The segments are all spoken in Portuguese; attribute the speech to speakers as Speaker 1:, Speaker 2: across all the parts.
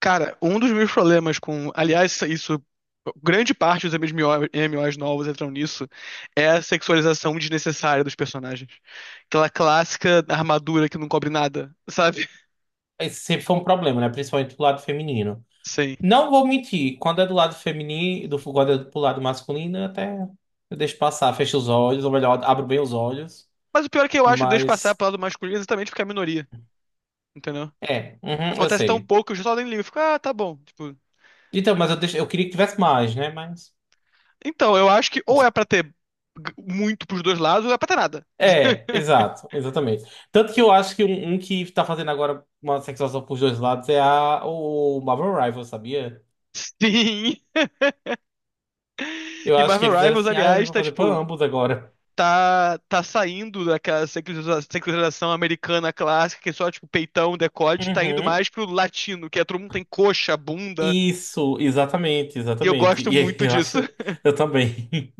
Speaker 1: Cara, um dos meus problemas com. Aliás, isso. Grande parte dos MMOs novos entram nisso. É a sexualização desnecessária dos personagens. Aquela clássica armadura que não cobre nada, sabe?
Speaker 2: Esse sempre foi um problema, né? Principalmente do lado feminino.
Speaker 1: Sim.
Speaker 2: Não vou mentir, quando é do lado feminino, quando é do lado masculino, até eu deixo passar, fecho os olhos, ou melhor, abro bem os olhos.
Speaker 1: Mas o pior é que eu acho que deixa passar
Speaker 2: Mas
Speaker 1: pro lado masculino exatamente porque é a minoria, entendeu?
Speaker 2: é, uhum, eu
Speaker 1: Acontece tão
Speaker 2: sei.
Speaker 1: pouco que eu só nem ligo. Eu fico, ah, tá bom. Tipo.
Speaker 2: Então, eu queria que tivesse mais, né? Mas.
Speaker 1: Então, eu acho que ou é pra ter muito pros dois lados, ou é pra ter nada.
Speaker 2: É, exato, exatamente. Tanto que eu acho que um que tá fazendo agora uma sexualização pros dois lados é o Marvel Rivals, sabia?
Speaker 1: Sim.
Speaker 2: Eu
Speaker 1: E
Speaker 2: acho que
Speaker 1: Marvel
Speaker 2: eles eram
Speaker 1: Rivals,
Speaker 2: assim, ah, eu
Speaker 1: aliás,
Speaker 2: vou
Speaker 1: tá
Speaker 2: fazer pra
Speaker 1: tipo.
Speaker 2: ambos agora.
Speaker 1: Tá saindo daquela secularização americana clássica, que é só, tipo, peitão, decote, tá indo
Speaker 2: Uhum.
Speaker 1: mais pro latino, que é todo mundo tem coxa, bunda,
Speaker 2: Isso, exatamente,
Speaker 1: e eu
Speaker 2: exatamente.
Speaker 1: gosto
Speaker 2: E aí,
Speaker 1: muito
Speaker 2: eu
Speaker 1: disso.
Speaker 2: acho, eu também.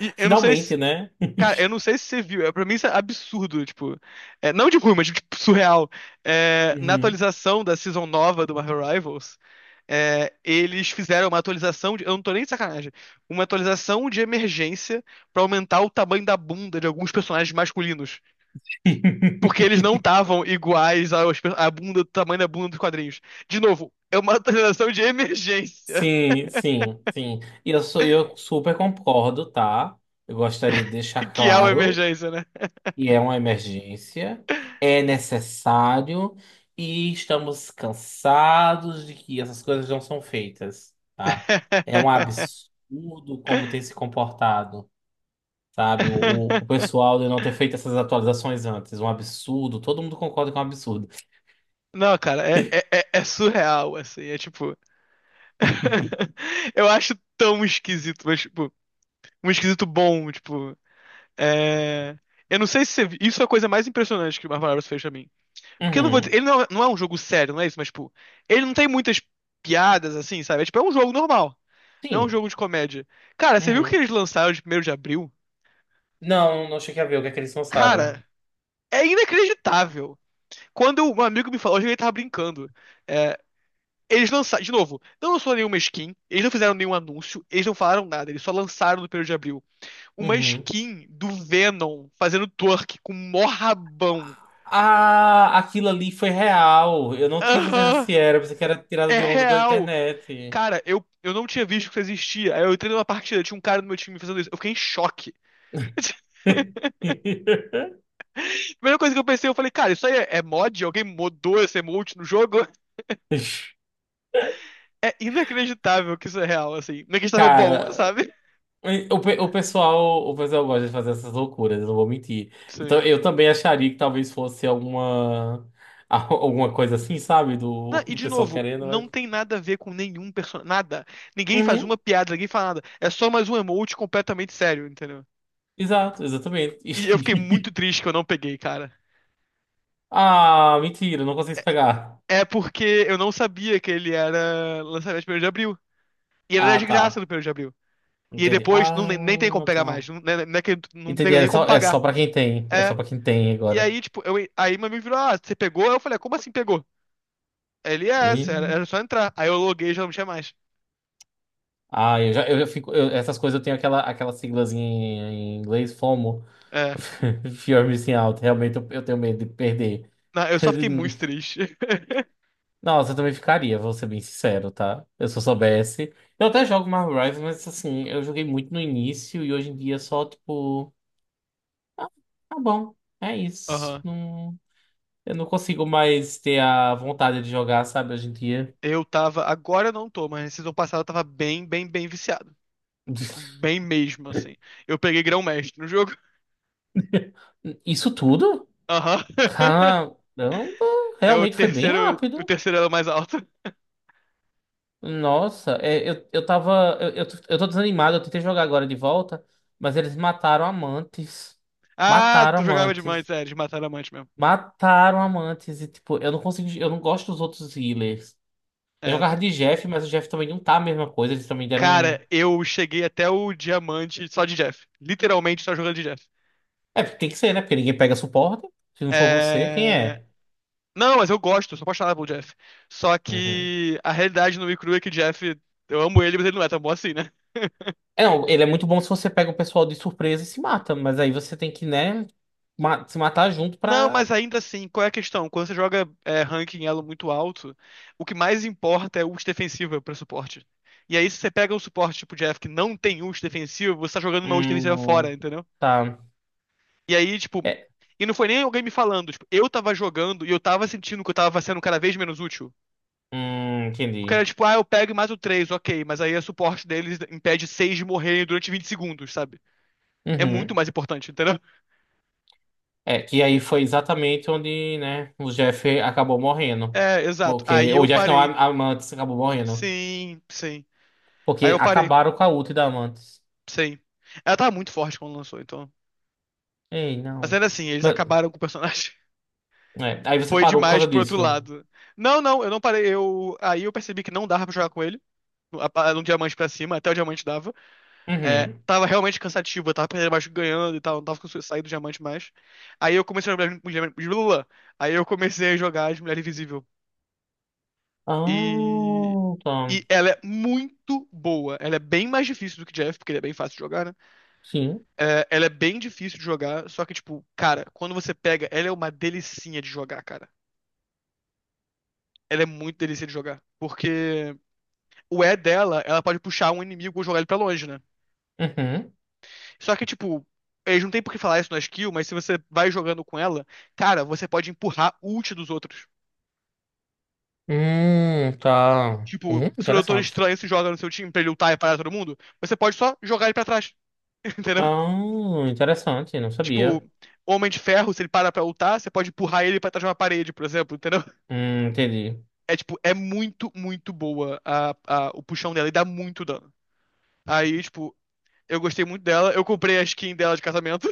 Speaker 1: E eu não sei se.
Speaker 2: Finalmente, né?
Speaker 1: Cara, eu não sei se você viu, é, pra mim isso é absurdo, tipo. É, não de ruim, mas tipo, surreal. É, na
Speaker 2: Uhum.
Speaker 1: atualização da season nova do Marvel Rivals, é, eles fizeram uma atualização de. Eu não tô nem de sacanagem. Uma atualização de emergência pra aumentar o tamanho da bunda de alguns personagens masculinos. Porque eles não estavam iguais aos, à bunda, do tamanho da bunda dos quadrinhos. De novo, é uma atualização de emergência.
Speaker 2: Sim, sim, sim. E eu sou, eu super concordo, tá? Eu gostaria de deixar
Speaker 1: Que é o
Speaker 2: claro
Speaker 1: emergência, né?
Speaker 2: que é uma emergência, é necessário e estamos cansados de que essas coisas não são feitas, tá? É um absurdo como tem se comportado. Sabe? O pessoal de não ter feito essas atualizações antes. Um absurdo. Todo mundo concorda que é um absurdo.
Speaker 1: Não, cara, é surreal, assim. É tipo. Eu acho tão esquisito, mas, tipo, um esquisito bom, tipo. É... Eu não sei se você... Isso é a coisa mais impressionante que o Marvel Rivals fez pra mim. Porque eu não vou dizer...
Speaker 2: Uhum.
Speaker 1: Ele não é um jogo sério, não é isso, mas, tipo, ele não tem muitas piadas, assim, sabe? É, tipo, é um jogo normal. Não é um
Speaker 2: Sim.
Speaker 1: jogo de comédia. Cara, você viu que
Speaker 2: Uhum.
Speaker 1: eles lançaram de primeiro de abril?
Speaker 2: Não, não cheguei a ver o que é que eles lançaram.
Speaker 1: Cara, é inacreditável. Quando um amigo me falou, eu achei que ele tava brincando. É, eles lançaram, de novo, não lançou nenhuma skin, eles não fizeram nenhum anúncio, eles não falaram nada, eles só lançaram no primeiro de abril uma
Speaker 2: Uhum.
Speaker 1: skin do Venom fazendo twerk com mó rabão.
Speaker 2: Ah, aquilo ali foi real. Eu não tinha certeza
Speaker 1: Aham,
Speaker 2: se era, pensei que era tirado
Speaker 1: é
Speaker 2: de onda da
Speaker 1: real.
Speaker 2: internet.
Speaker 1: Cara, eu não tinha visto que isso existia. Aí eu entrei numa partida, tinha um cara no meu time fazendo isso. Eu fiquei em choque. A primeira coisa que eu pensei, eu falei, cara, isso aí é mod? Alguém modou esse emote no jogo? É inacreditável que isso é real, assim. Inacreditável bom,
Speaker 2: Cara,
Speaker 1: sabe?
Speaker 2: O pessoal gosta de fazer essas loucuras, eu não vou mentir. Então,
Speaker 1: Sim.
Speaker 2: eu também acharia que talvez fosse alguma, alguma coisa assim, sabe?
Speaker 1: Não, e
Speaker 2: Do
Speaker 1: de
Speaker 2: pessoal
Speaker 1: novo,
Speaker 2: querendo, mas...
Speaker 1: não tem nada a ver com nenhum personagem. Nada. Ninguém faz
Speaker 2: Uhum,
Speaker 1: uma piada, ninguém fala nada. É só mais um emote completamente sério, entendeu?
Speaker 2: exato, exatamente.
Speaker 1: E eu fiquei muito triste que eu não peguei, cara.
Speaker 2: Ah, mentira, não consegui pegar.
Speaker 1: É porque eu não sabia que ele era lançamento de 1 de abril. E ele era
Speaker 2: Ah,
Speaker 1: de graça
Speaker 2: tá.
Speaker 1: no 1 de abril. E aí
Speaker 2: Entendi.
Speaker 1: depois não,
Speaker 2: Ah,
Speaker 1: nem tem como pegar
Speaker 2: tá.
Speaker 1: mais. Não, né, que não tem
Speaker 2: Entendi,
Speaker 1: nem como
Speaker 2: é só
Speaker 1: pagar.
Speaker 2: pra quem tem. É só
Speaker 1: É.
Speaker 2: pra quem tem
Speaker 1: E
Speaker 2: agora.
Speaker 1: aí, tipo, eu, aí meu amigo virou, ah, você pegou? Eu falei, "Ah, como assim pegou? Aí ele, é,
Speaker 2: Ih.
Speaker 1: essa, era só entrar. Aí eu loguei e já não tinha mais.
Speaker 2: Ah, eu já fico... essas coisas eu tenho aquela, aquela siglazinha em inglês, FOMO.
Speaker 1: É.
Speaker 2: Fear missing out, realmente eu tenho medo de perder.
Speaker 1: Não, eu só fiquei muito triste.
Speaker 2: Nossa, eu também ficaria, vou ser bem sincero, tá? Eu se eu soubesse. Eu até jogo Marvel Rivals, mas assim, eu joguei muito no início e hoje em dia é só, tipo, ah, tá bom, é isso.
Speaker 1: Aham.
Speaker 2: Não, eu não consigo mais ter a vontade de jogar, sabe, hoje em dia.
Speaker 1: Eu tava, agora eu não tô, mas na season passada eu tava bem, bem, bem viciado. Tipo, bem mesmo, assim. Eu peguei grão-mestre no jogo.
Speaker 2: Isso tudo?
Speaker 1: Aham.
Speaker 2: Caramba,
Speaker 1: É o
Speaker 2: realmente foi bem
Speaker 1: terceiro, o
Speaker 2: rápido.
Speaker 1: terceiro elo mais alto.
Speaker 2: Nossa, é, eu tava. Tô eu tô desanimado, eu tentei jogar agora de volta, mas eles mataram amantes.
Speaker 1: Ah,
Speaker 2: Mataram
Speaker 1: tu jogava de diamante,
Speaker 2: amantes.
Speaker 1: é, eles mataram diamante mesmo.
Speaker 2: Mataram amantes. E, tipo, eu não consigo. Eu não gosto dos outros healers. Eu
Speaker 1: É.
Speaker 2: jogava de Jeff, mas o Jeff também não tá a mesma coisa. Eles também deram
Speaker 1: Cara,
Speaker 2: um.
Speaker 1: eu cheguei até o diamante só de Jeff. Literalmente só jogando de Jeff.
Speaker 2: É, porque tem que ser, né? Porque ninguém pega suporte. Se não for você, quem
Speaker 1: É...
Speaker 2: é?
Speaker 1: Não, mas eu gosto, sou apaixonado pelo Jeff. Só
Speaker 2: Uhum.
Speaker 1: que a realidade no Crew é que o Jeff, eu amo ele, mas ele não é tão bom assim, né?
Speaker 2: É, não, ele é muito bom se você pega o pessoal de surpresa e se mata, mas aí você tem que, né, se matar junto
Speaker 1: Não,
Speaker 2: pra.
Speaker 1: mas ainda assim, qual é a questão? Quando você joga é, ranking elo muito alto, o que mais importa é ult defensiva pra suporte. E aí, se você pega um suporte tipo Jeff que não tem ult defensivo, você tá jogando uma ult defensiva fora,
Speaker 2: Hum,
Speaker 1: entendeu?
Speaker 2: tá.
Speaker 1: E aí, tipo.
Speaker 2: É,
Speaker 1: E não foi nem alguém me falando, tipo, eu tava jogando e eu tava sentindo que eu tava sendo cada vez menos útil.
Speaker 2: hum,
Speaker 1: Porque era
Speaker 2: entendi.
Speaker 1: tipo, ah, eu pego e mato três, ok, mas aí o suporte deles impede seis de morrer durante 20 segundos, sabe? É muito
Speaker 2: Uhum.
Speaker 1: mais importante, entendeu?
Speaker 2: É, que aí foi exatamente onde, né, o Jeff acabou morrendo.
Speaker 1: É, exato.
Speaker 2: Porque,
Speaker 1: Aí
Speaker 2: ou o
Speaker 1: eu
Speaker 2: Jeff não,
Speaker 1: parei.
Speaker 2: a Amantes acabou morrendo.
Speaker 1: Sim, sim. Aí
Speaker 2: Porque
Speaker 1: eu parei.
Speaker 2: acabaram com a ult da Amantes.
Speaker 1: Sim. Ela tava muito forte quando lançou, então.
Speaker 2: Ei,
Speaker 1: Mas
Speaker 2: não.
Speaker 1: ainda assim, eles
Speaker 2: Mas-
Speaker 1: acabaram com o personagem.
Speaker 2: é, aí você
Speaker 1: Foi
Speaker 2: parou por
Speaker 1: demais
Speaker 2: causa
Speaker 1: pro outro
Speaker 2: disso, não?
Speaker 1: lado. Não, não, eu não parei. Eu... Aí eu percebi que não dava pra jogar com ele. Um diamante pra cima, até o diamante dava. É,
Speaker 2: Uhum.
Speaker 1: tava realmente cansativo, eu tava perdendo, mas ganhando e tal, não tava conseguindo sair do diamante mais. Aí eu comecei a jogar aí eu comecei a jogar de Mulher Invisível. E,
Speaker 2: Ah, tá.
Speaker 1: e ela é muito boa. Ela é bem mais difícil do que Jeff, porque ele é bem fácil de jogar, né?
Speaker 2: Sim.
Speaker 1: É, ela é bem difícil de jogar, só que, tipo, cara, quando você pega, ela é uma delicinha de jogar, cara. Ela é muito delícia de jogar. Porque o E dela, ela pode puxar um inimigo ou jogar ele pra longe, né?
Speaker 2: Uhum.
Speaker 1: Só que, tipo, eles não tem por que falar isso na skill, mas se você vai jogando com ela, cara, você pode empurrar o ult dos outros.
Speaker 2: Tá.
Speaker 1: Tipo, se o Doutor
Speaker 2: Interessante.
Speaker 1: Estranho se joga no seu time pra ele lutar e parar todo mundo, você pode só jogar ele pra trás, entendeu?
Speaker 2: Ah, interessante, não
Speaker 1: Tipo,
Speaker 2: sabia.
Speaker 1: Homem de Ferro, se ele para pra lutar, você pode empurrar ele pra trás de uma parede, por exemplo, entendeu?
Speaker 2: Entendi.
Speaker 1: É, tipo, é muito, muito boa o puxão dela e dá muito dano. Aí, tipo, eu gostei muito dela, eu comprei a skin dela de casamento.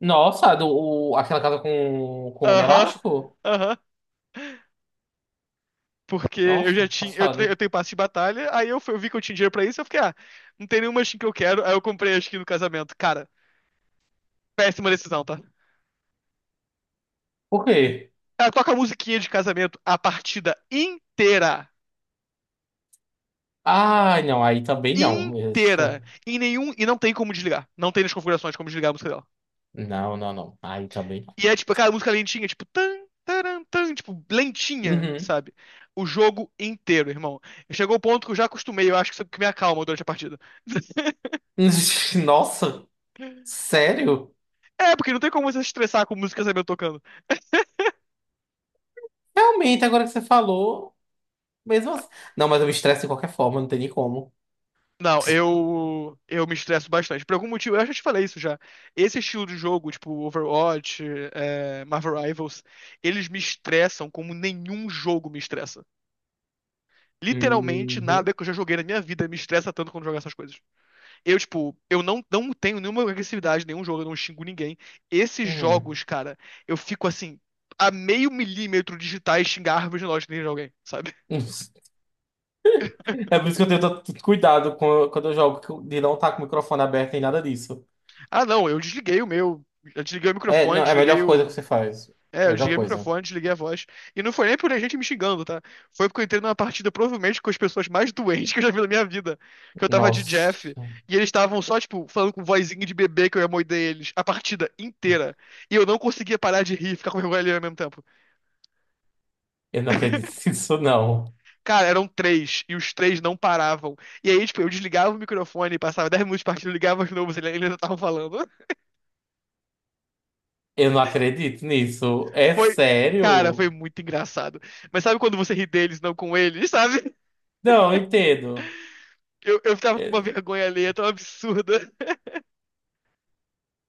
Speaker 2: Nossa, aquela casa com o homem
Speaker 1: Aham,
Speaker 2: elástico?
Speaker 1: aham. Porque eu já
Speaker 2: Nossa,
Speaker 1: tinha. Eu, te-
Speaker 2: passado.
Speaker 1: eu tenho passe de batalha, aí eu vi que eu tinha dinheiro pra isso, eu fiquei, ah, não tem nenhuma skin que eu quero, aí eu comprei a skin no casamento. Cara, péssima decisão, tá?
Speaker 2: Por quê?
Speaker 1: Ela toca a musiquinha de casamento a partida inteira.
Speaker 2: Ai, não, aí também não.
Speaker 1: Inteira.
Speaker 2: Essa...
Speaker 1: Em nenhum. E não tem como desligar. Não tem nas configurações como desligar a música dela.
Speaker 2: Não, não, não. Aí também não.
Speaker 1: E é tipo, cara, a música lentinha, tipo, tan, taran, tan, tipo, lentinha,
Speaker 2: Uhum.
Speaker 1: sabe? O jogo inteiro, irmão. Chegou o ponto que eu já acostumei, eu acho que isso é o que me acalma durante a partida.
Speaker 2: Nossa, sério?
Speaker 1: É, porque não tem como você se estressar com música casamento tocando.
Speaker 2: Realmente, agora que você falou, mesmo assim. Não, mas eu me estresso de qualquer forma, não tem nem como.
Speaker 1: Não, eu me estresso bastante. Por algum motivo, eu já te falei isso já. Esse estilo de jogo, tipo Overwatch, é, Marvel Rivals, eles me estressam como nenhum jogo me estressa. Literalmente,
Speaker 2: Uhum.
Speaker 1: nada que eu já joguei na minha vida me estressa tanto quando jogar essas coisas. Eu, tipo, eu não, não tenho nenhuma agressividade, nenhum jogo, eu não xingo ninguém. Esses
Speaker 2: Uhum.
Speaker 1: jogos, cara, eu fico assim, a meio milímetro de digitar e xingar a árvore de lógica de alguém, sabe?
Speaker 2: É por isso que eu tenho tanto cuidado com- quando eu jogo, que eu- de não estar com o microfone aberto nem nada disso.
Speaker 1: Ah, não, eu desliguei o meu. Eu desliguei o
Speaker 2: É,
Speaker 1: microfone,
Speaker 2: não, é a
Speaker 1: desliguei
Speaker 2: melhor coisa que
Speaker 1: o.
Speaker 2: você faz.
Speaker 1: É, eu
Speaker 2: Melhor
Speaker 1: desliguei o
Speaker 2: coisa.
Speaker 1: microfone, desliguei a voz. E não foi nem por a gente me xingando, tá? Foi porque eu entrei numa partida provavelmente com as pessoas mais doentes que eu já vi na minha vida. Que eu tava de Jeff.
Speaker 2: Nossa,
Speaker 1: E eles estavam só, tipo, falando com vozinha de bebê que eu ia morder eles. A partida inteira. E eu não conseguia parar de rir, ficar com vergonha ali ao mesmo tempo.
Speaker 2: eu não acredito nisso, não.
Speaker 1: Cara, eram três. E os três não paravam. E aí, tipo, eu desligava o microfone, passava 10 minutos de partida, eu ligava de novo, eles ainda estavam falando.
Speaker 2: Eu não acredito nisso. É
Speaker 1: Foi. Cara, foi
Speaker 2: sério?
Speaker 1: muito engraçado. Mas sabe quando você ri deles, não com eles, sabe?
Speaker 2: Não, eu entendo.
Speaker 1: Eu tava com uma
Speaker 2: É-
Speaker 1: vergonha alheia tão absurda.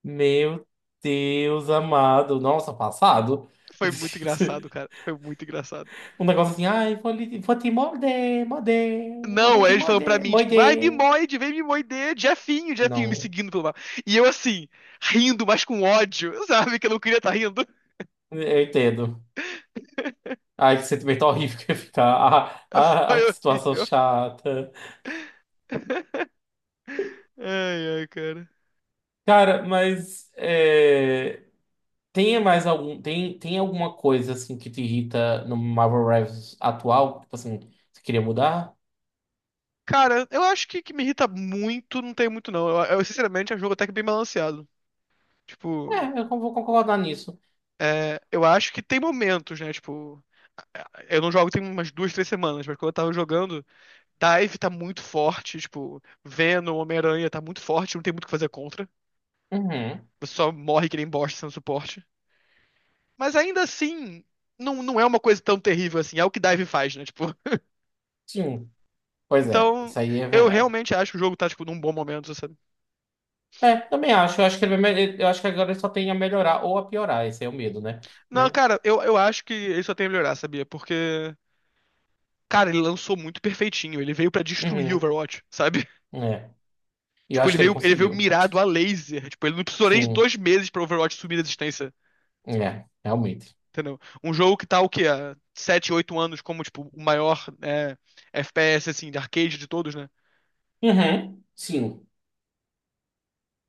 Speaker 2: Meu Deus amado. Nossa, passado.
Speaker 1: Foi muito engraçado, cara. Foi muito engraçado.
Speaker 2: Um negócio assim, ai, vou te morder, morder, vou
Speaker 1: Não, aí
Speaker 2: te
Speaker 1: eles falam pra
Speaker 2: morder,
Speaker 1: mim, tipo, ai,
Speaker 2: morder.
Speaker 1: mimoide, vem mimoide, Jefinho, Jefinho, me
Speaker 2: Não,
Speaker 1: seguindo pelo mapa. E eu, assim, rindo, mas com ódio, sabe? Que eu não queria estar rindo.
Speaker 2: eu entendo. Ai, que sentimento horrível que ia ficar.
Speaker 1: Foi
Speaker 2: Ai, que situação
Speaker 1: horrível.
Speaker 2: chata.
Speaker 1: Ai, ai, cara.
Speaker 2: Cara, mas. É, tem mais algum, tem alguma coisa assim que te irrita no Marvel Rivals atual? Tipo assim, você queria mudar?
Speaker 1: Cara, eu acho que me irrita muito, não tem muito, não. Eu, sinceramente, acho o jogo até que bem balanceado. Tipo,
Speaker 2: É, eu vou concordar nisso.
Speaker 1: é, eu acho que tem momentos, né? Tipo, é, eu não jogo tem umas duas, três semanas, mas quando eu tava jogando. Dive tá muito forte, tipo, Venom, Homem-Aranha tá muito forte, não tem muito o que fazer contra.
Speaker 2: Uhum,
Speaker 1: Você só morre que nem bosta sendo suporte. Mas ainda assim, não, não é uma coisa tão terrível assim, é o que Dive faz, né? Tipo,
Speaker 2: sim. Pois é,
Speaker 1: então,
Speaker 2: isso aí é
Speaker 1: eu
Speaker 2: verdade.
Speaker 1: realmente acho que o jogo tá, tipo, num bom momento, sabe?
Speaker 2: É, também acho. Eu acho que eu acho que agora ele só tem a melhorar ou a piorar. Esse é o medo, né?
Speaker 1: Não,
Speaker 2: Mas,
Speaker 1: cara, eu acho que ele só tem a melhorar, sabia? Porque, cara, ele lançou muito perfeitinho, ele veio pra destruir o
Speaker 2: uhum,
Speaker 1: Overwatch, sabe?
Speaker 2: é. E eu
Speaker 1: Tipo,
Speaker 2: acho que ele
Speaker 1: ele veio
Speaker 2: conseguiu.
Speaker 1: mirado a laser, tipo, ele não precisou nem de
Speaker 2: Sim,
Speaker 1: 2 meses pra Overwatch subir a existência.
Speaker 2: é, realmente.
Speaker 1: Entendeu? Um jogo que tá o quê? Há 7, 8 anos como, tipo, o maior é, FPS, assim, de arcade de todos, né?
Speaker 2: Uhum, sim.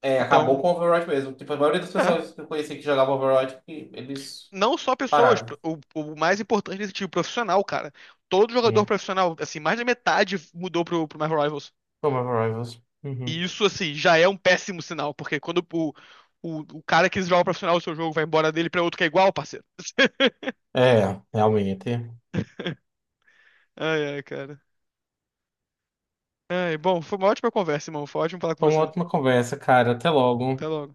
Speaker 2: É, acabou
Speaker 1: Então,
Speaker 2: com o Overwatch mesmo. Tipo, a maioria das
Speaker 1: é.
Speaker 2: pessoas que eu conheci que jogavam Overwatch, eles
Speaker 1: Não só pessoas,
Speaker 2: pararam.
Speaker 1: o mais importante desse tipo, profissional, cara. Todo jogador profissional, assim, mais da metade mudou pro Marvel Rivals.
Speaker 2: Como Rivals.
Speaker 1: E
Speaker 2: Uhum.
Speaker 1: isso, assim, já é um péssimo sinal, porque quando o cara que joga profissional o seu jogo vai embora dele pra outro que é igual, parceiro.
Speaker 2: É, realmente.
Speaker 1: Ai, ai, cara. Ai, bom, foi uma ótima conversa, irmão. Foi ótimo falar com
Speaker 2: Foi uma
Speaker 1: você.
Speaker 2: ótima conversa, cara. Até
Speaker 1: Até
Speaker 2: logo.
Speaker 1: logo.